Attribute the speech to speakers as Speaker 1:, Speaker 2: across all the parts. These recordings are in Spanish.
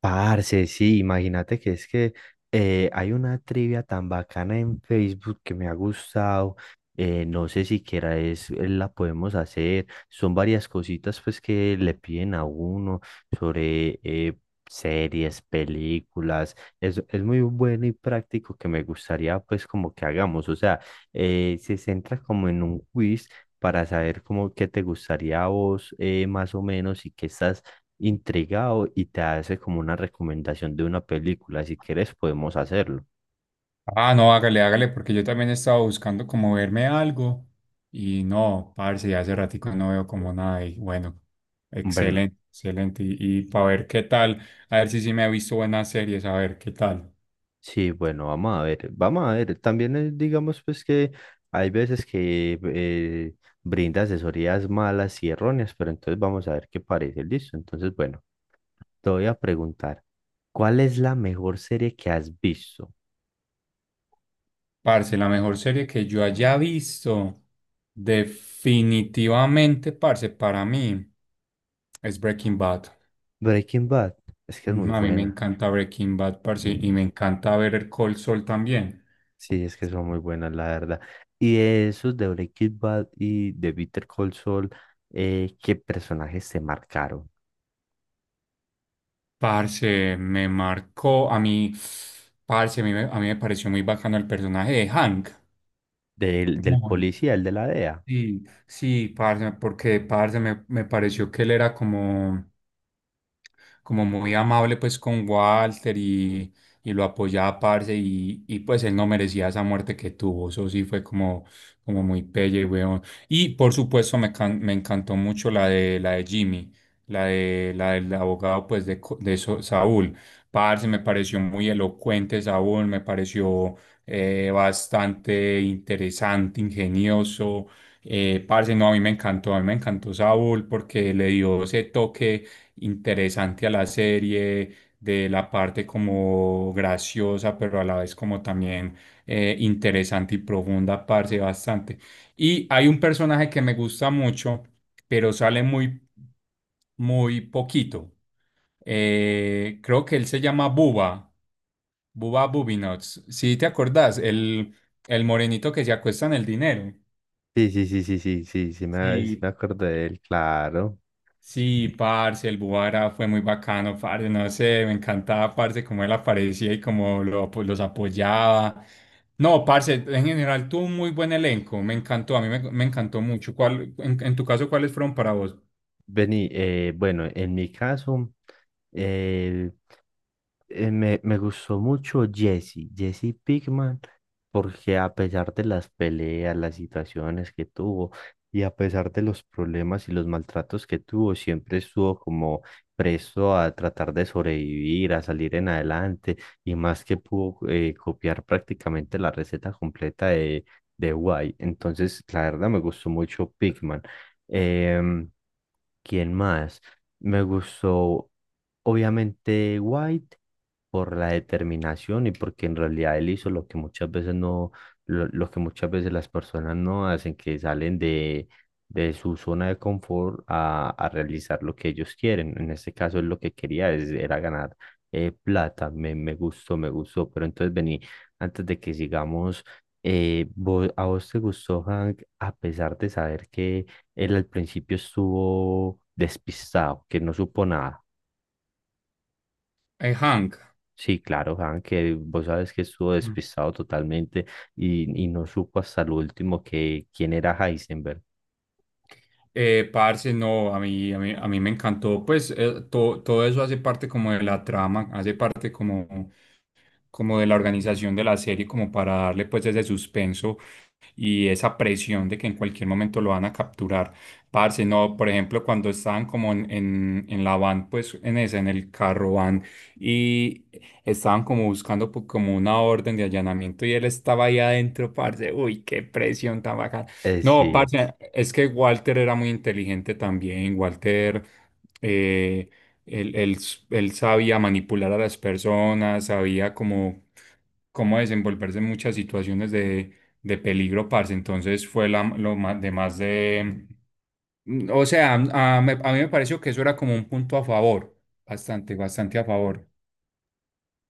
Speaker 1: Parce, sí, imagínate que es que hay una trivia tan bacana en Facebook que me ha gustado. No sé siquiera es, la podemos hacer. Son varias cositas pues que le piden a uno sobre series, películas. Es muy bueno y práctico que me gustaría pues como que hagamos. O sea, se centra como en un quiz para saber como qué te gustaría a vos más o menos y qué estás intrigado y te hace como una recomendación de una película. Si quieres, podemos hacerlo.
Speaker 2: Ah, no, hágale, hágale, porque yo también estaba buscando como verme algo y no, parce, ya hace ratico no veo como nada y bueno,
Speaker 1: Bueno,
Speaker 2: excelente, excelente. Y, para ver qué tal, a ver si sí me he visto buenas series, a ver qué tal.
Speaker 1: sí, bueno, vamos a ver, vamos a ver. También digamos pues que hay veces que brinda asesorías malas y erróneas, pero entonces vamos a ver qué parece. Listo, entonces bueno, te voy a preguntar, ¿cuál es la mejor serie que has visto?
Speaker 2: Parce, la mejor serie que yo haya visto, definitivamente, parce, para mí es Breaking Bad.
Speaker 1: Breaking Bad, es que es
Speaker 2: Mm,
Speaker 1: muy
Speaker 2: a mí me
Speaker 1: buena.
Speaker 2: encanta Breaking Bad, parce, y me encanta ver el Cold Soul también.
Speaker 1: Sí, es que son muy buenas, la verdad. Y de esos de Breaking Bad y de Bitter Call Saul, ¿qué personajes te marcaron?
Speaker 2: Parce, me marcó a mí, parce, a mí, a mí me pareció muy bacano el personaje de Hank.
Speaker 1: ¿Del
Speaker 2: Muy.
Speaker 1: policía, el de la DEA?
Speaker 2: Sí, sí, parce, porque parce me pareció que él era como, como muy amable pues con Walter y lo apoyaba, parce, y pues él no merecía esa muerte que tuvo. Eso sí fue como, como muy pelle, weón. Y por supuesto me encantó mucho la de Jimmy, la de, la del abogado pues de, Saúl. Parce, me pareció muy elocuente Saúl, me pareció bastante interesante, ingenioso. Parce, no, a mí me encantó, a mí me encantó Saúl porque le dio ese toque interesante a la serie, de la parte como graciosa, pero a la vez como también interesante y profunda, parce, bastante. Y hay un personaje que me gusta mucho, pero sale muy, muy poquito. Creo que él se llama Bubba, Bubba Bubinots. ¿Sí te acordás? El morenito que se acuesta en el dinero.
Speaker 1: Sí, sí, sí, sí, sí, sí, sí
Speaker 2: Sí,
Speaker 1: me acuerdo de él, claro.
Speaker 2: sí, parce, el Buara fue muy bacano, parce, no sé, me encantaba, parce, cómo él aparecía y cómo pues, los apoyaba. No, parce, en general tuvo un muy buen elenco, me encantó, a mí me encantó mucho. ¿Cuál, en tu caso, cuáles fueron para vos?
Speaker 1: Vení, bueno, en mi caso, me gustó mucho Jesse, Jesse Pinkman, porque a pesar de las peleas, las situaciones que tuvo y a pesar de los problemas y los maltratos que tuvo, siempre estuvo como presto a tratar de sobrevivir, a salir en adelante y más que pudo copiar prácticamente la receta completa de White. Entonces, la verdad me gustó mucho Pinkman. ¿Quién más? Me gustó, obviamente, White por la determinación y porque en realidad él hizo lo que muchas veces no, lo que muchas veces las personas no hacen, que salen de su zona de confort a realizar lo que ellos quieren. En este caso, él lo que quería es- era ganar plata. Me gustó, me gustó. Pero entonces, vení, antes de que sigamos, vos- ¿a vos te gustó, Hank, a pesar de saber que él al principio estuvo despistado, que no supo nada?
Speaker 2: Hank.
Speaker 1: Sí, claro, Hank, que vos sabes que estuvo
Speaker 2: Mm.
Speaker 1: despistado totalmente y no supo hasta el último que quién era Heisenberg.
Speaker 2: Parce, no, a mí me encantó, pues todo eso hace parte como de la trama, hace parte como, como de la organización de la serie, como para darle pues ese suspenso y esa presión de que en cualquier momento lo van a capturar. Parce, no, por ejemplo, cuando estaban como en la van, pues en ese, en el carro van, y estaban como buscando como una orden de allanamiento y él estaba ahí adentro, parce, uy, qué presión tan bacana. No,
Speaker 1: Sí.
Speaker 2: parce, es que Walter era muy inteligente también. Walter, eh, él sabía manipular a las personas, sabía como cómo desenvolverse en muchas situaciones de peligro, parce. Entonces fue la, lo más de... O sea, a mí me pareció que eso era como un punto a favor, bastante, bastante a favor.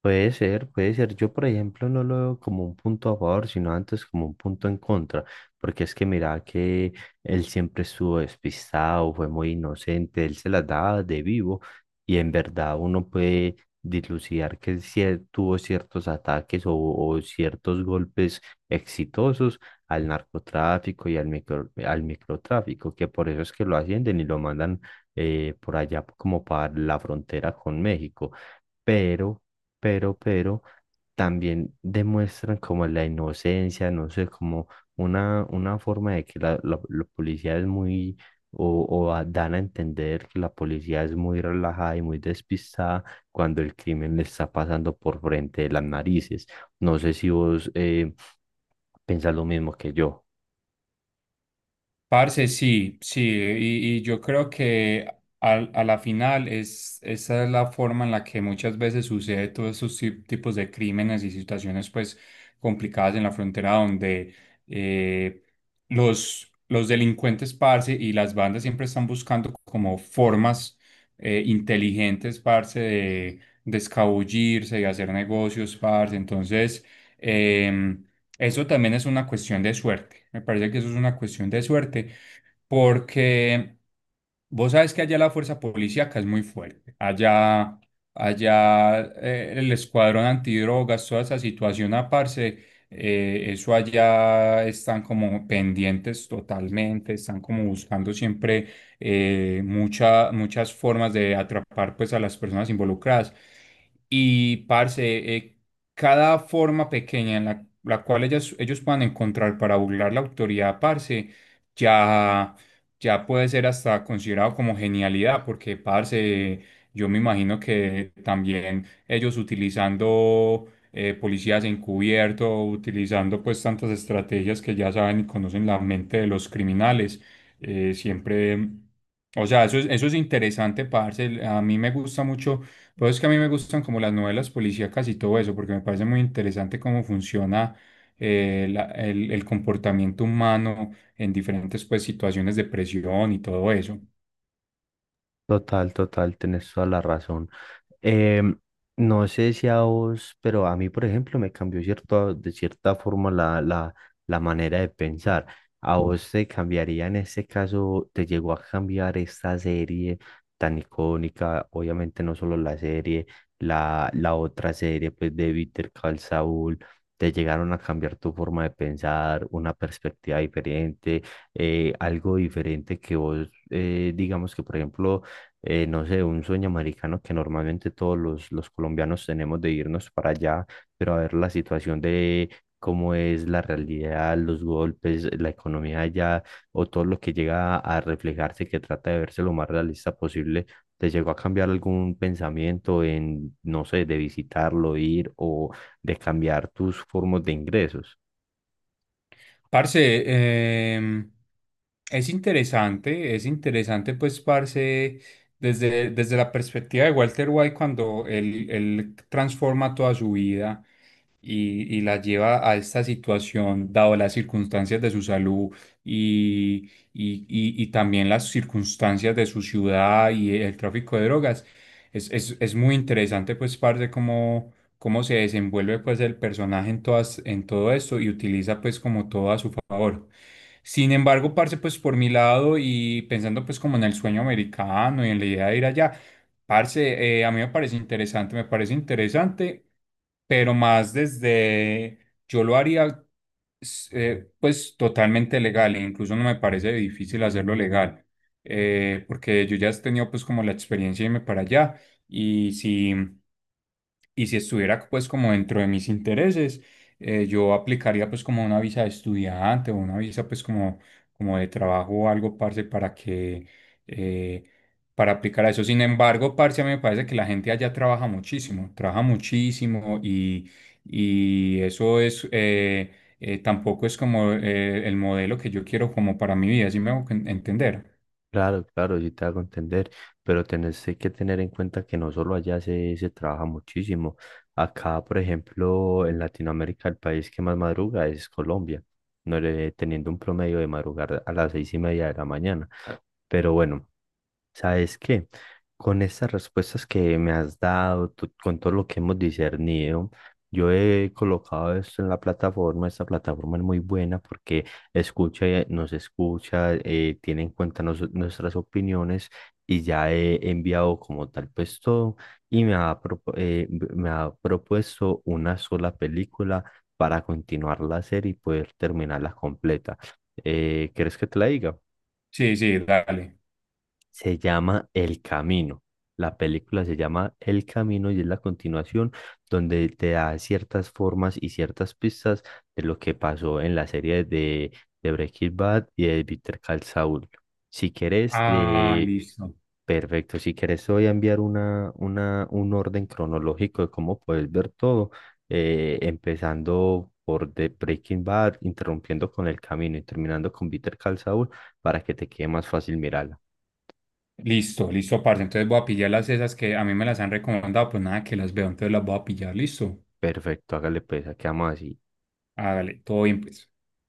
Speaker 1: Puede ser, puede ser. Yo, por ejemplo, no lo veo como un punto a favor, sino antes como un punto en contra, porque es que mira que él siempre estuvo despistado, fue muy inocente, él se las daba de vivo y en verdad uno puede dilucidar que él sí tuvo ciertos ataques o ciertos golpes exitosos al narcotráfico y al micro, al microtráfico, que por eso es que lo ascienden y lo mandan por allá como para la frontera con México pero, pero también demuestran como la inocencia, no sé, como una forma de que la- la policía es muy, o a- dan a entender que la policía es muy relajada y muy despistada cuando el crimen le está pasando por frente de las narices. No sé si vos pensás lo mismo que yo.
Speaker 2: Parce, sí, sí, y yo creo que a la final es, esa es la forma en la que muchas veces sucede todos esos tipos de crímenes y situaciones pues complicadas en la frontera donde eh, los delincuentes, parce, y las bandas siempre están buscando como formas inteligentes, parce, de escabullirse y hacer negocios, parce. Entonces, em, eso también es una cuestión de suerte. Me parece que eso es una cuestión de suerte porque vos sabes que allá la fuerza policíaca es muy fuerte. Allá, allá el escuadrón antidrogas, toda esa situación aparte, eso allá están como pendientes totalmente, están como buscando siempre muchas formas de atrapar pues a las personas involucradas. Y parce, eh, cada forma pequeña en la, la cual ellos puedan encontrar para burlar la autoridad, parce, ya, ya puede ser hasta considerado como genialidad, porque, parce, yo me imagino que también ellos utilizando policías encubierto, utilizando pues tantas estrategias que ya saben y conocen la mente de los criminales, siempre... O sea, eso es interesante, parce. A mí me gusta mucho, pero es que a mí me gustan como las novelas policíacas y todo eso, porque me parece muy interesante cómo funciona el comportamiento humano en diferentes pues, situaciones de presión y todo eso.
Speaker 1: Total, total, tenés toda la razón. Em, no sé si a vos, pero a mí, por ejemplo, me cambió cierto, de cierta forma la, la, la manera de pensar. ¿A vos te cambiaría en este caso, te llegó a cambiar esta serie tan icónica? Obviamente no solo la serie, la otra serie pues de Better Call Saul, te llegaron a cambiar tu forma de pensar, una perspectiva diferente, algo diferente que vos, digamos que por ejemplo no sé, un sueño americano que normalmente todos los colombianos tenemos de irnos para allá, pero a ver la situación de cómo es la realidad, los golpes, la economía allá, o todo lo que llega a reflejarse, que trata de verse lo más realista posible, ¿te llegó a cambiar algún pensamiento en, no sé, de visitarlo, ir o de cambiar tus formas de ingresos?
Speaker 2: Parce, em, es interesante pues, parce, desde, desde la perspectiva de Walter White cuando él transforma toda su vida y la lleva a esta situación, dado las circunstancias de su salud y, y también las circunstancias de su ciudad y el tráfico de drogas. Es muy interesante pues, parce, cómo se desenvuelve pues el personaje en todas, en todo esto y utiliza pues como todo a su favor. Sin embargo, parce, pues por mi lado y pensando pues como en el sueño americano y en la idea de ir allá, parce, a mí me parece interesante, pero más desde, yo lo haría pues totalmente legal, e incluso no me parece difícil hacerlo legal, porque yo ya he tenido pues como la experiencia de irme para allá y si... Y si estuviera pues como dentro de mis intereses, yo aplicaría pues como una visa de estudiante o una visa pues como, como de trabajo o algo, parce, para que, eh, para aplicar a eso. Sin embargo, parce, a mí me parece que la gente allá trabaja muchísimo y eso es, tampoco es como el modelo que yo quiero como para mi vida, ¿sí me hago entender?
Speaker 1: Claro, claro, sí te hago entender, pero tenés que tener en cuenta que no solo allá se trabaja muchísimo. Acá, por ejemplo, en Latinoamérica, el país que más madruga es Colombia, no le- teniendo un promedio de madrugar a las 6:30 de la mañana. Pero bueno. ¿Sabes qué? Con estas respuestas que me has dado, tú- con todo lo que hemos discernido, yo he colocado esto en la plataforma. Esta plataforma es muy buena porque escucha, nos escucha, tiene en cuenta nos- nuestras opiniones y ya he enviado como tal pues todo y me ha, propu- me ha propuesto una sola película para continuar la serie y poder terminarla completa. ¿Quieres que te la diga?
Speaker 2: Sí, sí, dale.
Speaker 1: Se llama El Camino. La película se llama El Camino y es la continuación donde te da ciertas formas y ciertas pistas de lo que pasó en la serie de Breaking Bad y de Better Call Saul. Si quieres,
Speaker 2: Ah, listo.
Speaker 1: perfecto. Si quieres, te voy a enviar una, un orden cronológico de cómo puedes ver todo, empezando por The Breaking Bad, interrumpiendo con El Camino y terminando con Better Call Saul para que te quede más fácil mirarla.
Speaker 2: Listo, listo, parce. Entonces voy a pillar las esas que a mí me las han recomendado, pues nada, que las veo, entonces las voy a pillar, listo.
Speaker 1: Perfecto, hágale pues, quedamos así.
Speaker 2: Hágale, todo bien, pues.